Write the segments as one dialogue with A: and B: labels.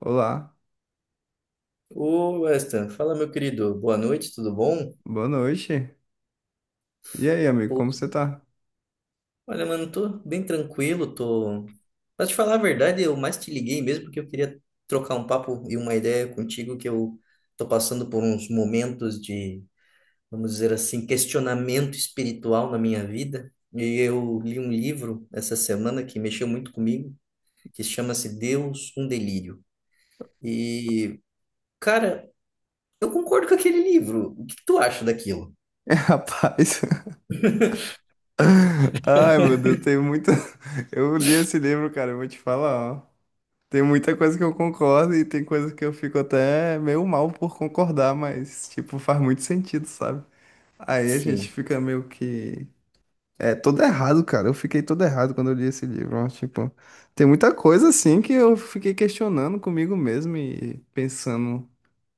A: Olá,
B: Ô, Weston, fala meu querido, boa noite, tudo bom?
A: boa noite. E aí, amigo,
B: Pô,
A: como você tá?
B: olha, mano, tô bem tranquilo, tô. Pra te falar a verdade, eu mais te liguei mesmo porque eu queria trocar um papo e uma ideia contigo que eu tô passando por uns momentos de, vamos dizer assim, questionamento espiritual na minha vida. E eu li um livro essa semana que mexeu muito comigo, que chama-se Deus, um Delírio. E, cara, eu concordo com aquele livro. O que que tu acha daquilo?
A: Rapaz, ai meu Deus, tem muita. Eu li esse livro, cara, eu vou te falar, ó. Tem muita coisa que eu concordo e tem coisa que eu fico até meio mal por concordar, mas, tipo, faz muito sentido, sabe? Aí a gente
B: Sim.
A: fica meio que. É, todo errado, cara. Eu fiquei todo errado quando eu li esse livro, ó. Tipo, tem muita coisa, assim, que eu fiquei questionando comigo mesmo e pensando,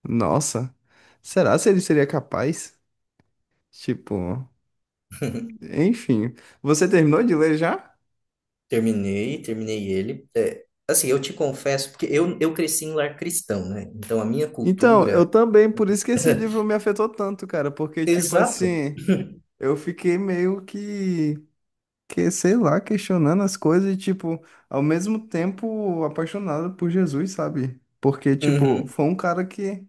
A: nossa, será se ele seria capaz? Tipo, enfim. Você terminou de ler já?
B: Terminei, terminei ele. É, assim, eu te confesso, porque eu cresci em lar cristão, né? Então a minha
A: Então, eu
B: cultura.
A: também, por isso que esse livro me afetou tanto, cara, porque, tipo
B: Exato.
A: assim, eu fiquei meio que, sei lá, questionando as coisas e, tipo, ao mesmo tempo apaixonado por Jesus, sabe? Porque, tipo,
B: Uhum.
A: foi um cara que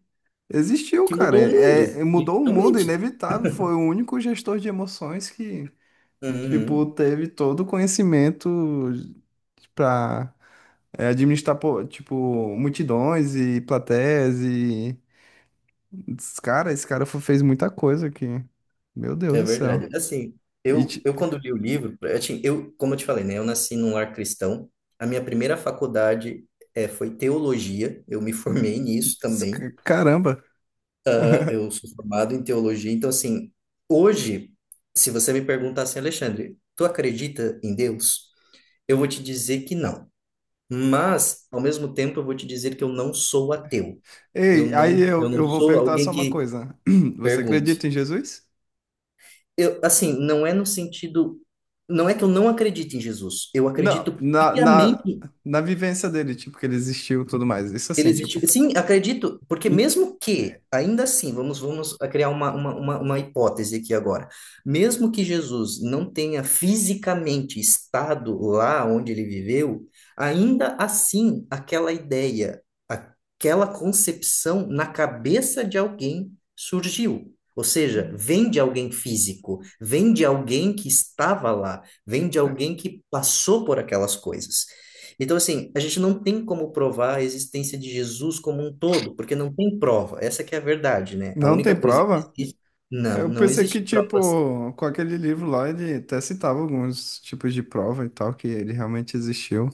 A: existiu,
B: Que
A: cara,
B: mudou o mundo,
A: mudou o mundo,
B: literalmente.
A: inevitável, foi o único gestor de emoções que, tipo,
B: Uhum.
A: teve todo o conhecimento pra. É, administrar, pô, tipo, multidões e plateias e... Cara, esse cara fez muita coisa aqui. Meu Deus
B: É
A: do céu.
B: verdade. Assim,
A: E,
B: eu,
A: ti-
B: eu quando li o livro, assim, eu, como eu te falei, né? Eu nasci num lar cristão. A minha primeira faculdade foi teologia. Eu me formei nisso também.
A: Caramba.
B: Aham, eu sou formado em teologia. Então, assim, hoje, se você me perguntar assim, Alexandre, tu acredita em Deus? Eu vou te dizer que não. Mas, ao mesmo tempo, eu vou te dizer que eu não sou ateu. Eu
A: Ei, aí
B: não, eu
A: eu,
B: não
A: eu vou
B: sou
A: perguntar
B: alguém
A: só uma
B: que
A: coisa. Você
B: pergunte.
A: acredita em Jesus?
B: Eu, assim, não é no sentido. Não é que eu não acredite em Jesus. Eu
A: Não,
B: acredito
A: na, na,
B: piamente.
A: na vivência dele, tipo, que ele existiu e tudo mais. Isso
B: Ele
A: assim, tipo...
B: existe. Sim, acredito, porque
A: E
B: mesmo que, ainda assim, vamos a criar uma hipótese aqui agora. Mesmo que Jesus não tenha fisicamente estado lá onde ele viveu, ainda assim, aquela ideia, aquela concepção na cabeça de alguém surgiu. Ou seja, vem de alguém físico, vem de alguém que estava lá, vem de alguém que passou por aquelas coisas. Então, assim, a gente não tem como provar a existência de Jesus como um todo, porque não tem prova. Essa que é a verdade, né? A
A: não
B: única
A: tem
B: coisa que
A: prova?
B: existe, não,
A: Eu
B: não
A: pensei que,
B: existe prova.
A: tipo, com aquele livro lá, ele até citava alguns tipos de prova e tal, que ele realmente existiu.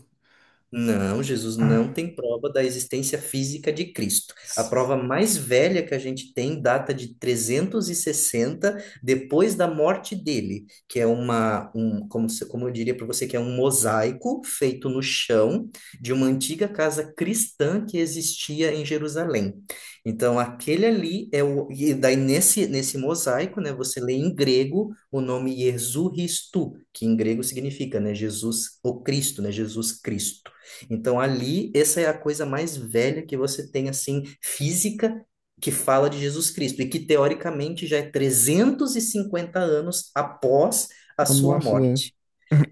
B: Não, Jesus
A: Ah.
B: não tem prova da existência física de Cristo. A prova mais velha que a gente tem data de 360 depois da morte dele, que é um, como, se- como eu diria para você, que é um mosaico feito no chão de uma antiga casa cristã que existia em Jerusalém. Então, aquele ali é o. E daí, nesse mosaico, né, você lê em grego o nome Jesus Christou, que em grego significa, né, Jesus, o Cristo, né, Jesus Cristo. Então, ali, essa é a coisa mais velha que você tem, assim, física, que fala de Jesus Cristo, e que, teoricamente, já é 350 anos após a
A: A
B: sua
A: morte dela.
B: morte.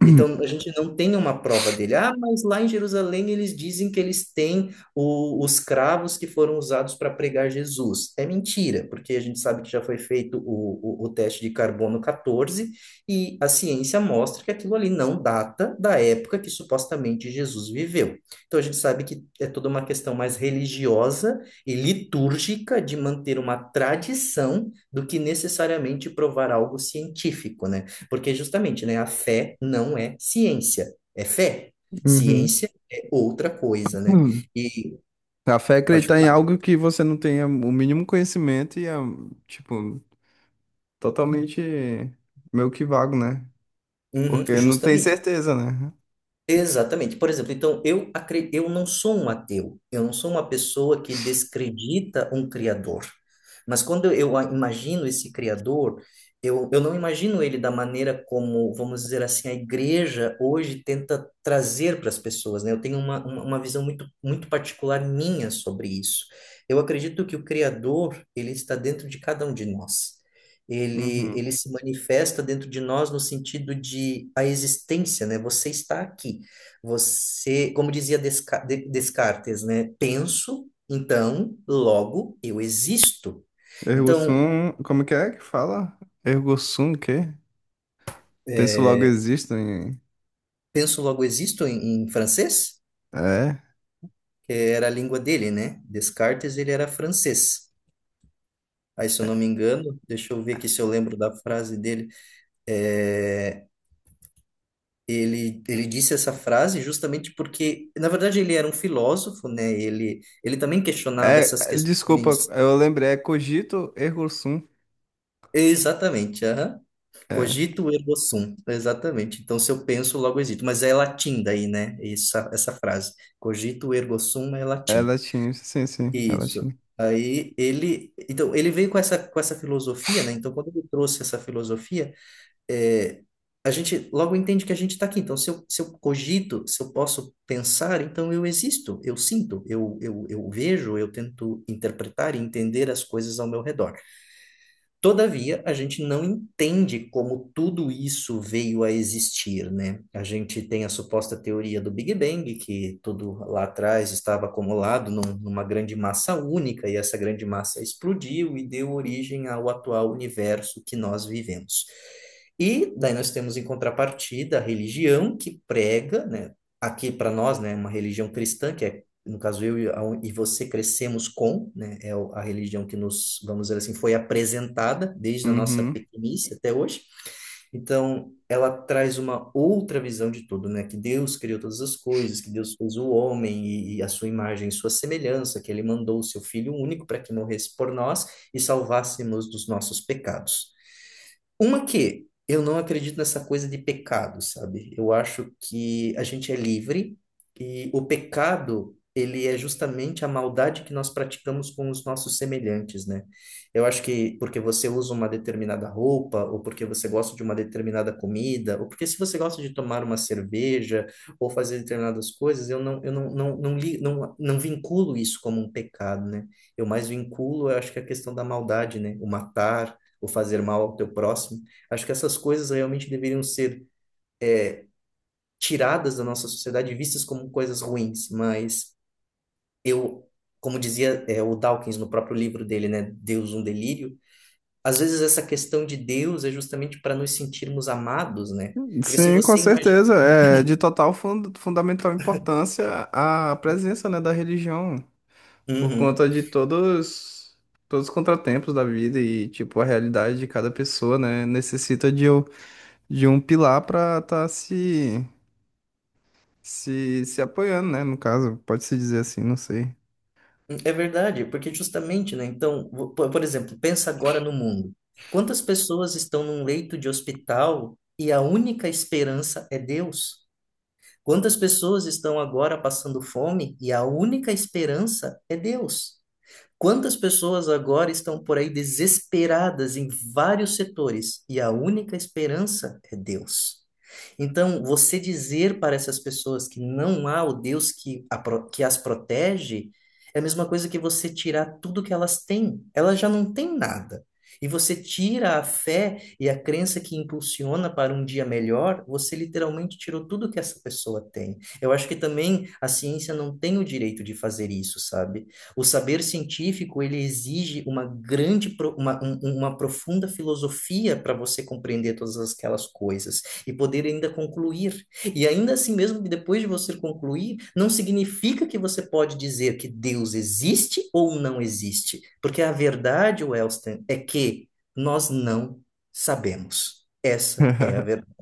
B: Então, a gente não tem uma prova dele. Ah, mas lá em Jerusalém eles dizem que eles têm os cravos que foram usados para pregar Jesus. É mentira, porque a gente sabe que já foi feito o teste de carbono 14 e a ciência mostra que aquilo ali não data da época que supostamente Jesus viveu. Então, a gente sabe que é toda uma questão mais religiosa e litúrgica de manter uma tradição do que necessariamente provar algo científico, né? Porque justamente, né, a fé não é ciência, é fé.
A: Uhum.
B: Ciência é outra coisa, né?
A: Hum.
B: E
A: A fé é
B: pode
A: acreditar em
B: falar.
A: algo que você não tenha o mínimo conhecimento e é, tipo, totalmente meio que vago, né?
B: Uhum,
A: Porque não tem
B: justamente.
A: certeza, né?
B: Exatamente. Por exemplo, então eu não sou um ateu, eu não sou uma pessoa que descredita um criador. Mas quando eu imagino esse criador, eu não imagino ele da maneira como, vamos dizer assim, a igreja hoje tenta trazer para as pessoas, né? Eu tenho uma, uma visão muito, muito particular minha sobre isso. Eu acredito que o criador, ele está dentro de cada um de nós. Ele,
A: Uhum.
B: ele se manifesta dentro de nós no sentido de a existência, né? Você está aqui. Você, como dizia Descartes, né? Penso, então, logo eu existo.
A: Ergo
B: Então,
A: sum, como que é que fala? Ergo sum, o quê? Penso
B: é,
A: logo existo em...
B: penso, logo existo em francês,
A: É.
B: que era a língua dele, né? Descartes, ele era francês. Aí, se eu não me engano, deixa eu ver aqui se eu lembro da frase dele. É, ele disse essa frase justamente porque, na verdade, ele era um filósofo, né? Ele também questionava
A: É,
B: essas
A: é, desculpa,
B: questões.
A: eu lembrei, é cogito ergo sum.
B: Exatamente, aham.
A: É,
B: Cogito ergo sum, exatamente. Então, se eu penso, logo existo. Mas é latim daí, né? Essa frase. Cogito ergo sum é
A: é
B: latim.
A: latim, sim, sim, é
B: Isso.
A: latim.
B: Aí ele, então, ele veio com essa filosofia, né? Então, quando ele trouxe essa filosofia, é, a gente logo entende que a gente está aqui. Então, se eu cogito, se eu posso pensar, então eu existo, eu sinto, eu vejo, eu tento interpretar e entender as coisas ao meu redor. Todavia, a gente não entende como tudo isso veio a existir, né? A gente tem a suposta teoria do Big Bang, que tudo lá atrás estava acumulado numa grande massa única, e essa grande massa explodiu e deu origem ao atual universo que nós vivemos. E daí nós temos em contrapartida a religião que prega, né? Aqui para nós, né, uma religião cristã, que é no caso eu e você crescemos com, né, a religião que nos, vamos dizer assim, foi apresentada desde a nossa
A: Uhum.
B: pequenice até hoje. Então, ela traz uma outra visão de tudo, né? Que Deus criou todas as coisas, que Deus fez o homem e a sua imagem e sua semelhança, que ele mandou o seu Filho único para que morresse por nós e salvássemos dos nossos pecados. Uma que eu não acredito nessa coisa de pecado, sabe? Eu acho que a gente é livre e o pecado, ele é justamente a maldade que nós praticamos com os nossos semelhantes, né? Eu acho que porque você usa uma determinada roupa, ou porque você gosta de uma determinada comida, ou porque se você gosta de tomar uma cerveja ou fazer determinadas coisas, eu não, não, não, li, não, não vinculo isso como um pecado, né? Eu mais vinculo, eu acho que a questão da maldade, né? O matar ou fazer mal ao teu próximo. Acho que essas coisas realmente deveriam ser tiradas da nossa sociedade, vistas como coisas ruins, mas eu, como dizia o Dawkins no próprio livro dele, né, Deus um delírio, às vezes essa questão de Deus é justamente para nos sentirmos amados, né? Porque se
A: Sim, com
B: você imagina.
A: certeza. É de total fundamental importância a presença, né, da religião, por
B: Uhum.
A: conta de todos, todos os contratempos da vida e, tipo, a realidade de cada pessoa, né, necessita de um pilar para estar se, se apoiando, né, no caso, pode-se dizer assim, não sei.
B: É verdade, porque justamente, né? Então, por exemplo, pensa agora no mundo. Quantas pessoas estão num leito de hospital e a única esperança é Deus? Quantas pessoas estão agora passando fome e a única esperança é Deus? Quantas pessoas agora estão por aí desesperadas em vários setores e a única esperança é Deus? Então, você dizer para essas pessoas que não há o Deus que as protege é a mesma coisa que você tirar tudo que elas têm. Elas já não têm nada. E você tira a fé e a crença que impulsiona para um dia melhor, você literalmente tirou tudo que essa pessoa tem. Eu acho que também a ciência não tem o direito de fazer isso, sabe? O saber científico, ele exige uma grande, pro- uma, um- uma profunda filosofia para você compreender todas aquelas coisas e poder ainda concluir. E ainda assim mesmo, depois de você concluir, não significa que você pode dizer que Deus existe ou não existe, porque a verdade, Wellston, é que nós não sabemos. Essa é a verdade.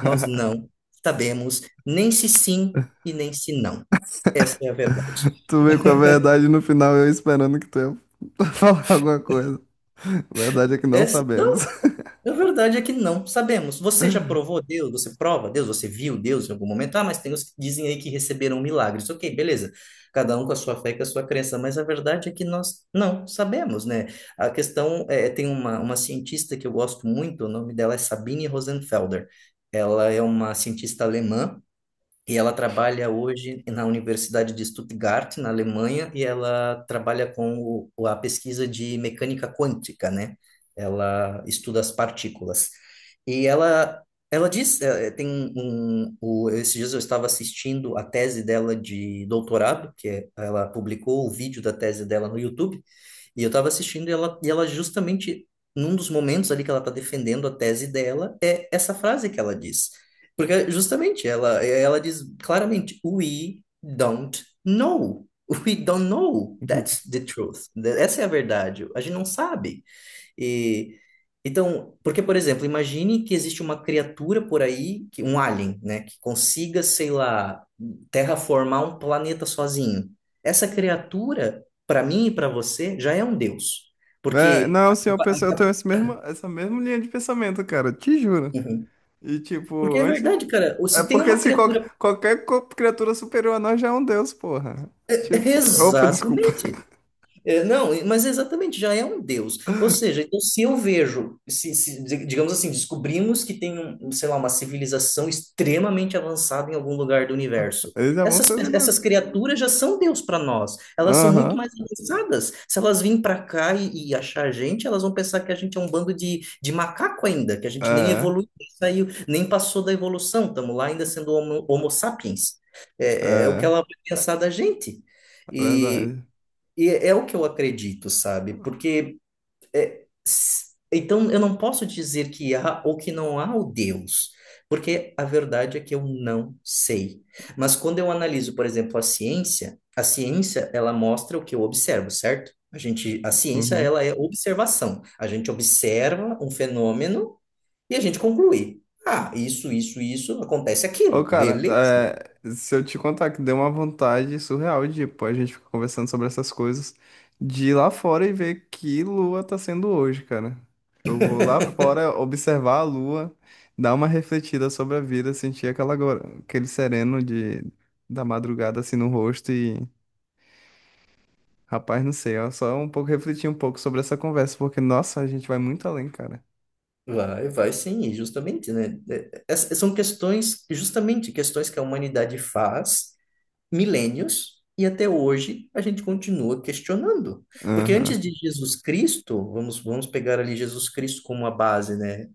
B: Nós não sabemos nem se sim e nem se não. Essa é a verdade.
A: Tu vê com a verdade no final, eu esperando que tu ia falar alguma coisa. A verdade é que não
B: Essa,
A: sabemos.
B: não, A verdade é que não sabemos. Você já provou Deus? Você prova Deus? Você viu Deus em algum momento? Ah, mas tem os que dizem aí que receberam milagres. Ok, beleza. Cada um com a sua fé e com a sua crença. Mas a verdade é que nós não sabemos, né? A questão é, tem uma cientista que eu gosto muito, o nome dela é Sabine Rosenfelder. Ela é uma cientista alemã. E ela trabalha hoje na Universidade de Stuttgart, na Alemanha, e ela trabalha com a pesquisa de mecânica quântica, né? Ela estuda as partículas. E ela diz, esses dias eu estava assistindo a tese dela de doutorado, ela publicou o vídeo da tese dela no YouTube, e eu estava assistindo e ela justamente, num dos momentos ali que ela está defendendo a tese dela, é essa frase que ela diz. Porque justamente ela diz claramente, we don't know. We don't know. That's the truth. Essa é a verdade. A gente não sabe. E então, porque, por exemplo, imagine que existe uma criatura por aí, um alien, né, que consiga, sei lá, terraformar um planeta sozinho. Essa criatura, para mim e para você, já é um deus.
A: É,
B: Porque
A: não, sim, eu penso,
B: a
A: eu tenho
B: capa-
A: esse mesmo, essa mesma linha de pensamento, cara, te juro.
B: Uhum.
A: E
B: Porque
A: tipo,
B: é
A: antes.
B: verdade, cara. Ou
A: É
B: se tem
A: porque
B: uma
A: se qual-
B: criatura.
A: qualquer co- criatura superior a nós já é um deus, porra. Tipo, opa, desculpa.
B: Exatamente. É, não, mas exatamente, já é um Deus. Ou seja, então, se eu vejo, se, di- digamos assim, descobrimos que tem, sei lá, uma civilização extremamente avançada em algum lugar do universo.
A: Eles já vão
B: Essas,
A: ser
B: pe-
A: um
B: essas
A: deus.
B: criaturas já são Deus para nós. Elas são muito
A: Aham.
B: mais avançadas. Se elas virem para cá e achar a gente, elas vão pensar que a gente é um bando de macaco ainda, que a gente nem
A: É,
B: evoluiu, nem saiu, nem passou da evolução. Estamos lá ainda sendo homo sapiens. É o que
A: é,
B: ela vai pensar da gente.
A: é
B: e
A: verdade.
B: e é o que eu acredito, sabe? Porque então eu não posso dizer que há ou que não há o Deus, porque a verdade é que eu não sei. Mas quando eu analiso, por exemplo, a ciência, ela mostra o que eu observo, certo? A ciência
A: Uhum.
B: ela é observação. A gente observa um fenômeno e a gente conclui. Ah, isso acontece
A: Ô,
B: aquilo,
A: cara,
B: beleza?
A: é, se eu te contar que deu uma vontade surreal de, pô, a gente fica conversando sobre essas coisas, de ir lá fora e ver que lua tá sendo hoje, cara. Eu vou lá fora observar a lua, dar uma refletida sobre a vida, sentir aquela, aquele sereno de, da madrugada assim no rosto e, rapaz, não sei, ó, só um pouco refletir um pouco sobre essa conversa, porque, nossa, a gente vai muito além, cara.
B: Vai, vai sim, e justamente, né? São questões, justamente, questões que a humanidade faz milênios e até hoje a gente continua questionando. Porque
A: Aham.
B: antes de Jesus Cristo, vamos pegar ali Jesus Cristo como a base, né?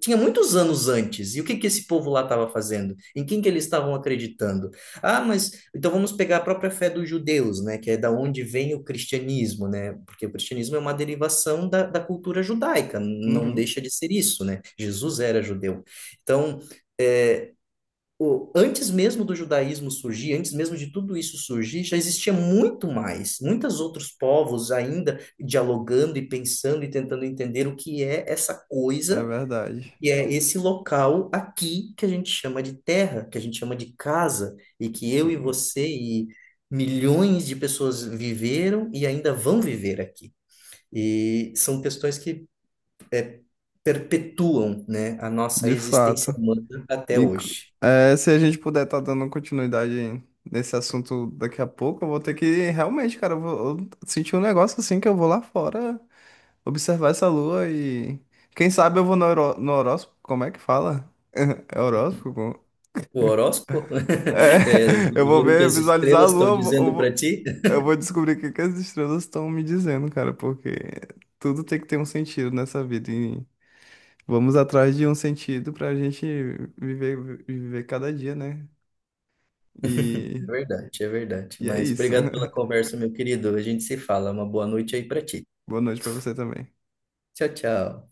B: Tinha muitos anos antes. E o que que esse povo lá estava fazendo? Em quem que eles estavam acreditando? Ah, mas então vamos pegar a própria fé dos judeus, né? Que é da onde vem o cristianismo, né? Porque o cristianismo é uma derivação da cultura judaica, não
A: Uhum.
B: deixa de ser isso, né? Jesus era judeu. Então, antes mesmo do judaísmo surgir, antes mesmo de tudo isso surgir, já existia muito mais, muitos outros povos ainda dialogando e pensando e tentando entender o que é essa
A: É
B: coisa
A: verdade.
B: e é esse local aqui que a gente chama de terra, que a gente chama de casa, e que eu e
A: Uhum.
B: você e milhões de pessoas viveram e ainda vão viver aqui. E são questões que perpetuam, né, a nossa
A: De
B: existência
A: fato.
B: humana até
A: Inc-
B: hoje.
A: É, se a gente puder estar dando continuidade nesse assunto daqui a pouco, eu vou ter que realmente, cara, eu senti um negócio assim que eu vou lá fora observar essa lua e quem sabe eu vou no, no horóscopo, como é que fala? É horóscopo?
B: O horóscopo?
A: É,
B: É,
A: eu vou
B: ver o que
A: ver,
B: as
A: visualizar a
B: estrelas
A: lua,
B: estão
A: eu vou, eu
B: dizendo para
A: vou,
B: ti?
A: eu vou descobrir o que que as estrelas estão me dizendo, cara, porque tudo tem que ter um sentido nessa vida e vamos atrás de um sentido pra gente viver cada dia, né?
B: É
A: E
B: verdade, é verdade.
A: E é
B: Mas
A: isso.
B: obrigado pela conversa, meu querido. A gente se fala. Uma boa noite aí para ti.
A: Boa noite pra você também.
B: Tchau, tchau.